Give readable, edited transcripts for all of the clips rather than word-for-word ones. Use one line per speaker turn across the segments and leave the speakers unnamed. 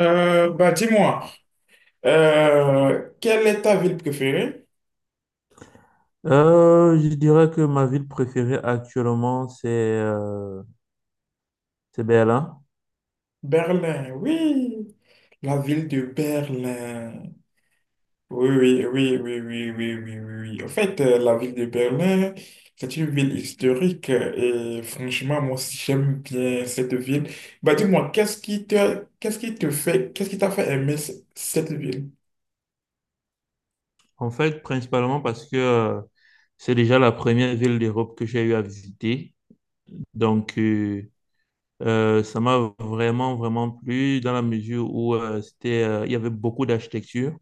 Bah dis-moi, quelle est ta ville préférée?
Je dirais que ma ville préférée actuellement, c'est Berlin.
Berlin, oui, la ville de Berlin. Oui, oui, oui, oui, oui, oui, oui, oui, oui. En fait, la ville de Berlin, c'est une ville historique, et franchement, moi aussi, j'aime bien cette ville. Bah dis-moi, qu'est-ce qui t'a fait aimer cette ville?
En fait, principalement parce que c'est déjà la première ville d'Europe que j'ai eu à visiter. Donc, ça m'a vraiment plu dans la mesure où il y avait beaucoup d'architecture.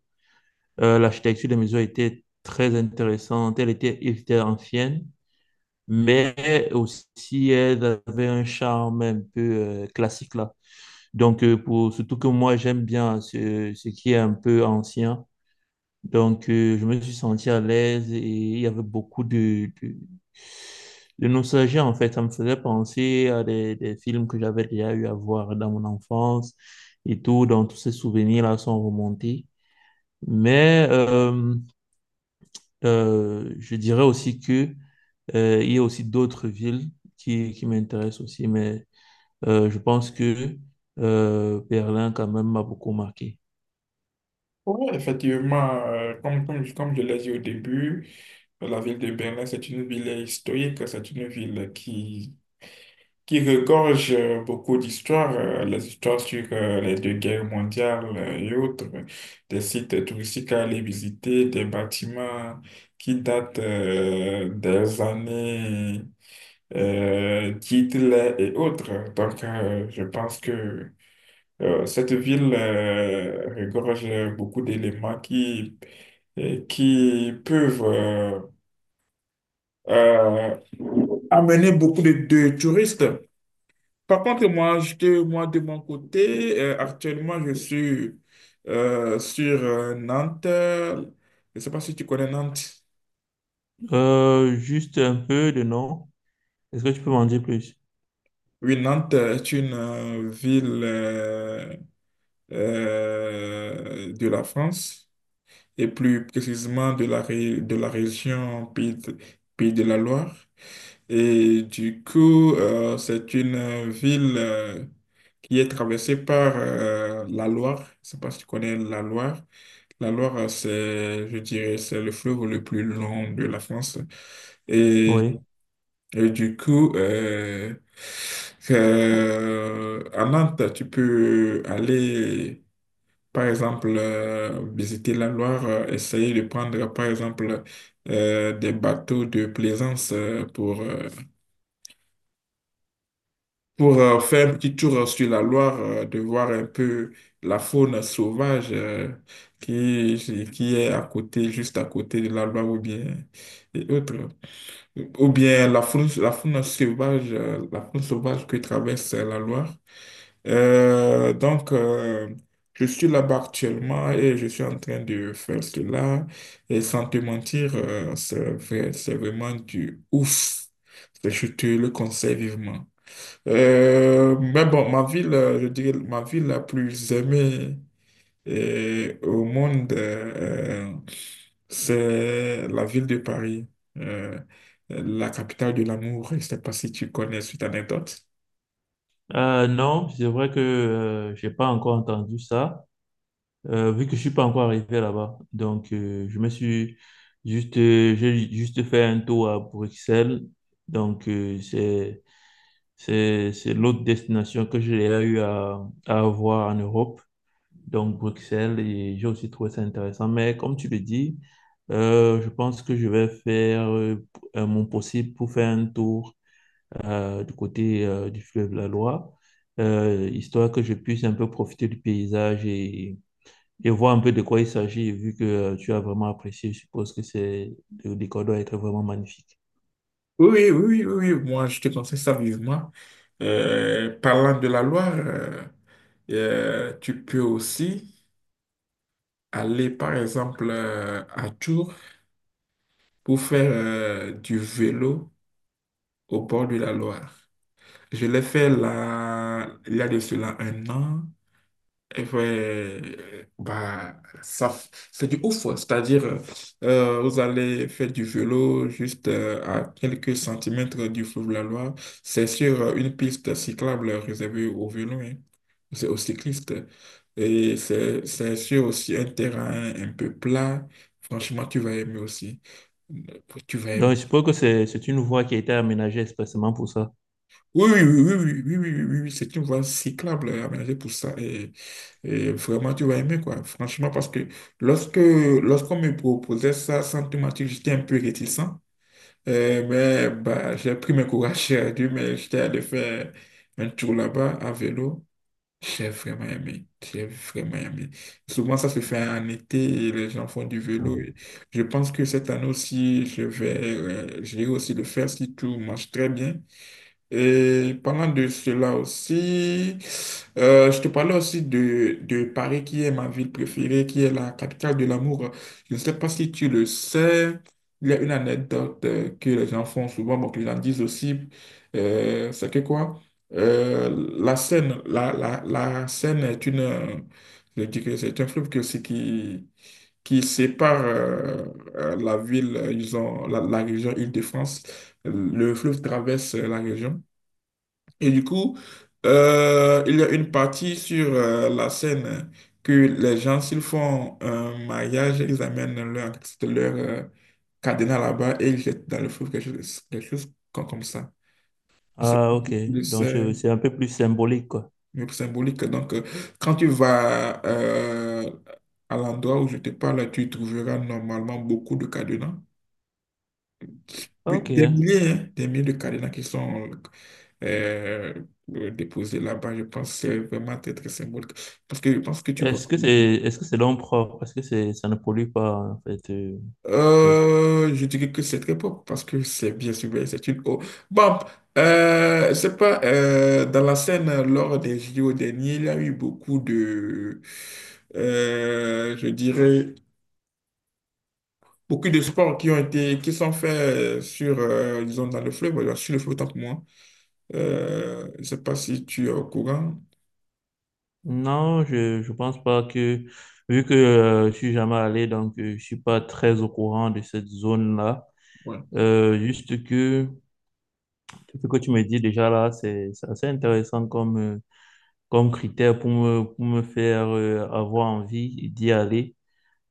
L'architecture des maisons était très intéressante. Elle était ancienne, mais aussi elle avait un charme un peu classique là. Donc, surtout que moi, j'aime bien ce qui est un peu ancien. Donc, je me suis senti à l'aise et il y avait beaucoup de nostalgie, en fait. Ça me faisait penser à des films que j'avais déjà eu à voir dans mon enfance et tout. Donc, tous ces souvenirs-là sont remontés. Mais je dirais aussi que il y a aussi d'autres villes qui m'intéressent aussi. Mais je pense que Berlin, quand même, m'a beaucoup marqué.
Oui, effectivement, comme je l'ai dit au début, la ville de Berlin, c'est une ville historique, c'est une ville qui regorge beaucoup d'histoires, les histoires sur les deux guerres mondiales et autres, des sites touristiques à aller visiter, des bâtiments qui datent des années d'Hitler et autres. Donc, je pense que cette ville regorge beaucoup d'éléments et qui peuvent euh, amener beaucoup de touristes. Par contre, moi de mon côté, actuellement, je suis sur Nantes. Je ne sais pas si tu connais Nantes.
Juste un peu de nom. Est-ce que tu peux m'en dire plus?
Oui, Nantes est une ville de la France et plus précisément de de la région Pays Pays de la Loire. Et du coup, c'est une ville qui est traversée par la Loire. Je ne sais pas si tu connais la Loire. La Loire, c'est, je dirais, c'est le fleuve le plus long de la France. Et,
Oui.
et du coup, à Nantes, tu peux aller, par exemple, visiter la Loire, essayer de prendre, par exemple, des bateaux de plaisance pour faire un petit tour sur la Loire, de voir un peu la faune sauvage qui, qui est à côté, juste à côté de la Loire ou bien et autres. Ou bien la faune sauvage que traverse la Loire. Donc, je suis là-bas actuellement et je suis en train de faire cela. Et sans te mentir, c'est vraiment du ouf. Je te le conseille vivement. Mais bon, je dirais, ma ville la plus aimée au monde, c'est la ville de Paris, euh, la capitale de l'amour. Je ne sais pas si tu connais cette anecdote.
Non, c'est vrai que j'ai pas encore entendu ça, vu que je suis pas encore arrivé là-bas. Donc, je me suis juste, j'ai juste fait un tour à Bruxelles. Donc, c'est l'autre destination que j'ai déjà eu à avoir en Europe, donc Bruxelles, et j'ai aussi trouvé ça intéressant. Mais comme tu le dis, je pense que je vais faire mon possible pour faire un tour du côté du fleuve la Loire, histoire que je puisse un peu profiter du paysage et voir un peu de quoi il s'agit, vu que tu as vraiment apprécié, je suppose que c'est, le décor doit être vraiment magnifique.
Oui, oui, oui, oui, oui, moi, je te conseille ça vivement. Parlant de la Loire, tu peux aussi aller, par exemple, à Tours pour faire du vélo au bord de la Loire. Je l'ai fait là, il y a de cela un an. Et ouais, bah, c'est du ouf. C'est-à-dire, vous allez faire du vélo juste à quelques centimètres du fleuve la Loire. C'est sur une piste cyclable réservée aux vélos, hein. C'est aux cyclistes. Et c'est sur aussi un terrain un peu plat. Franchement, tu vas aimer aussi. Tu vas
Donc,
aimer.
je suppose que c'est une voie qui a été aménagée expressément pour ça.
Oui, oui, oui, oui, oui, oui, oui, oui, oui, c'est une voie cyclable aménagée pour ça. Et vraiment, tu vas aimer, quoi. Franchement, parce que lorsque lorsqu'on me proposait ça, sans te mentir, j'étais un peu réticent. Mais bah, j'ai pris mes courage à Dieu, mais j'étais allé faire un tour là-bas à vélo. J'ai vraiment aimé. J'ai vraiment aimé. Souvent, ça se fait en été et les gens font du vélo. Et je pense que cette année aussi, je vais aussi le faire si tout marche très bien. Et parlant de cela aussi, je te parlais aussi de Paris, qui est ma ville préférée, qui est la capitale de l'amour. Je ne sais pas si tu le sais, il y a une anecdote que les gens font souvent, bon, que les gens disent aussi, c'est que quoi? La Seine est une, je dirais, c'est un fleuve qui sépare la ville, ils ont la région Île-de-France. Le fleuve traverse la région. Et du coup, il y a une partie sur la scène que les gens, s'ils font un mariage, leur cadenas là-bas et ils jettent dans le feu quelque chose, comme ça. Et C'est
Ah, ok.
plus c'est
C'est un peu plus symbolique, quoi.
symbolique. Donc, quand tu vas à l'endroit où je te parle, tu trouveras normalement beaucoup de cadenas. Oui,
Ok.
des milliers, hein, des milliers de cadenas qui sont euh, déposés là-bas. Je pense que c'est vraiment très, très symbolique. Parce que je pense que tu vois.
Est-ce que c'est, est-ce que c'est l'homme propre? Parce que c'est, ça ne pollue pas, en fait. Je-
Je dirais que c'est très propre parce que c'est bien sûr, c'est une eau. Bon, c'est pas dans la scène lors des JO derniers, il y a eu beaucoup de, je dirais, beaucoup de sports qui sont faits sur, disons, dans le fleuve, voilà sur le fleuve, tant que moi. Je ne sais pas si tu es au courant.
Non, je pense pas que, vu que je suis jamais allé, donc je suis pas très au courant de cette zone-là.
Ouais.
Juste que ce que tu me dis déjà là, c'est assez intéressant comme, comme critère pour pour me faire avoir envie d'y aller.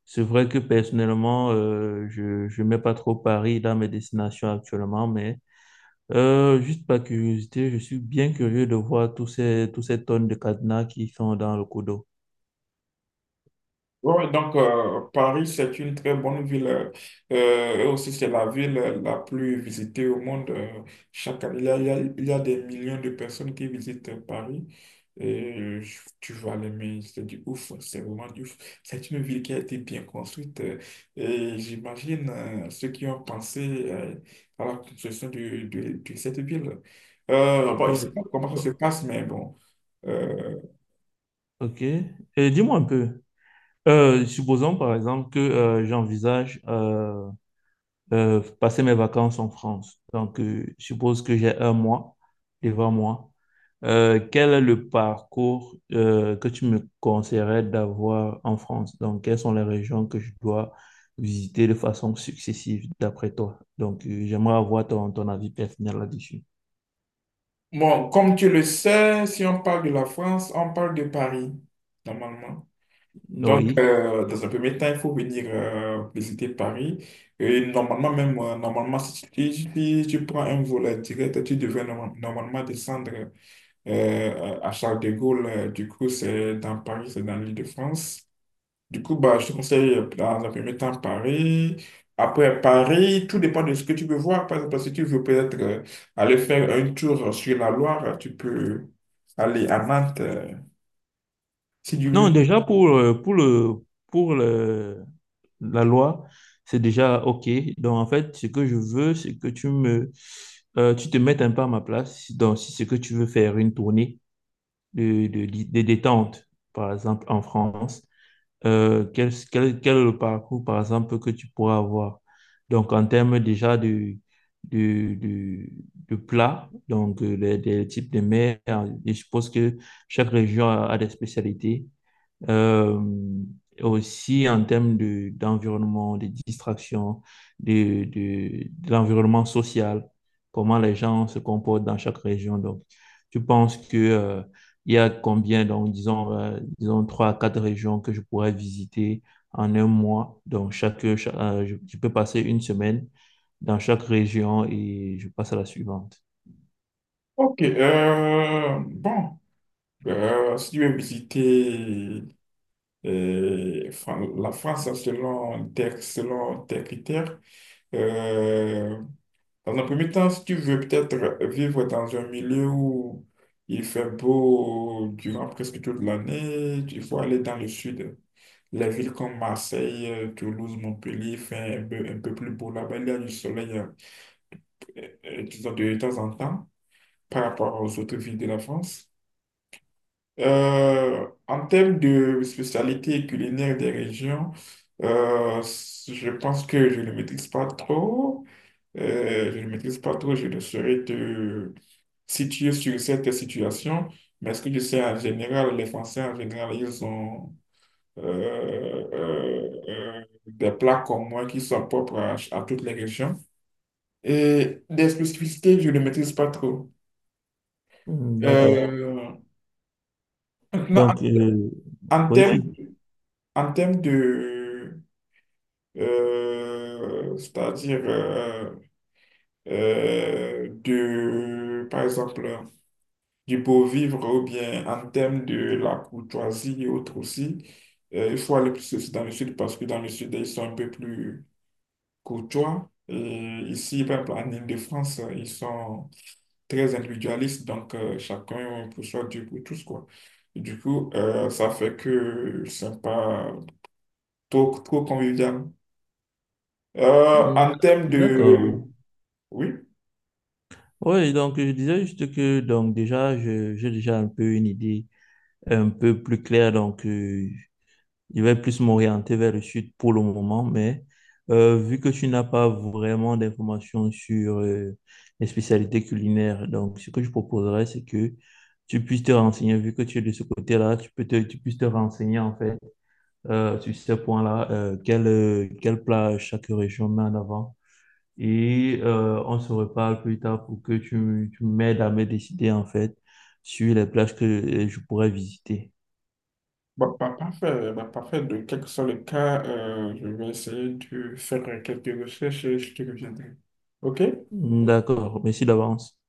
C'est vrai que personnellement, je mets pas trop Paris dans mes destinations actuellement, mais juste par curiosité, je suis bien curieux de voir tous ces tonnes de cadenas qui sont dans le coup d'eau.
Oui, donc Paris, c'est une très bonne ville. Et aussi, c'est la ville la plus visitée au monde. Chaque année, il y a des millions de personnes qui visitent Paris. Et tu vas l'aimer, c'est du ouf, c'est vraiment du ouf. C'est une ville qui a été bien construite. Et j'imagine ceux qui ont pensé à la construction de, de cette ville. Bon, je ne sais
Oui.
pas comment ça se passe, mais bon. Euh,
Ok. Et dis-moi un peu, supposons par exemple que j'envisage passer mes vacances en France. Donc, je suppose que j'ai un mois devant moi. Quel est le parcours que tu me conseillerais d'avoir en France? Donc, quelles sont les régions que je dois visiter de façon successive d'après toi? Donc, j'aimerais avoir ton avis personnel là-dessus.
Bon, comme tu le sais, si on parle de la France, on parle de Paris, normalement. Donc,
Oui.
dans un premier temps, il faut venir visiter Paris. Et normalement, normalement, si tu, si tu prends un vol direct, tu devrais normalement descendre à Charles de Gaulle. Du coup, c'est dans Paris, c'est dans l'Île-de-France. Du coup, bah, je te conseille dans un premier temps Paris. Après Paris, tout dépend de ce que tu veux voir. Par exemple, si tu veux peut-être aller faire un tour sur la Loire, tu peux aller à Nantes. Si tu veux.
Non, déjà la loi, c'est déjà OK. Donc, en fait, ce que je veux, c'est que tu te mettes un peu à ma place. Donc, si c'est que tu veux faire une tournée de détente, par exemple, en France, quel est le parcours, par exemple, que tu pourras avoir? Donc, en termes déjà de, de, de plats, donc des types de mers, et je suppose que chaque région a des spécialités. Euh, aussi en termes d'environnement, de distraction, de l'environnement social, comment les gens se comportent dans chaque région. Donc, tu penses que, il y a combien, donc, disons trois à quatre régions que je pourrais visiter en un mois. Donc, je peux passer une semaine dans chaque région et je passe à la suivante.
Ok, bon, si tu veux visiter la France selon tes critères, euh, dans un premier temps, si tu veux peut-être vivre dans un milieu où il fait beau durant presque toute l'année, il faut aller dans le sud. Les villes comme Marseille, Toulouse, Montpellier, il fait un peu plus beau là-bas. Il y a du soleil, disons, de temps en temps par rapport aux autres villes de la France. En termes de spécialité culinaire des régions, je pense que je ne maîtrise pas trop. Je ne maîtrise pas trop, je ne saurais te situé sur cette situation, mais ce que je sais en général, les Français en général, ils ont euh, des plats comme moi qui sont propres à toutes les régions. Et des spécificités, je ne maîtrise pas trop.
Hmm, d'accord.
Euh, Maintenant,
Donc,
en
oui,
termes, en termes de, c'est-à-dire de, par exemple, du beau vivre ou bien en termes de la courtoisie et autres aussi. Il faut aller plus aussi dans le sud parce que dans le sud, ils sont un peu plus courtois. Et ici, par exemple, en Île-de-France, ils sont très individualistes, donc chacun pour soi, Dieu pour tous, quoi. Et du coup, ça fait que c'est pas trop, trop convivial.
hmm,
En termes de...
d'accord.
Oui.
Oui, donc je disais juste que donc déjà j'ai déjà un peu une idée un peu plus claire donc je vais plus m'orienter vers le sud pour le moment mais vu que tu n'as pas vraiment d'informations sur les spécialités culinaires donc ce que je proposerais c'est que tu puisses te renseigner vu que tu es de ce côté-là tu puisses te renseigner en fait sur ces points-là quel plat chaque région met en avant et on se reparle plus tard pour que tu m'aides à me décider en fait sur les plages que je pourrais visiter.
Bon, parfait, bah, parfait. De quel que soit le cas, je vais essayer de faire quelques recherches et je te reviendrai. OK?
D'accord, merci d'avance.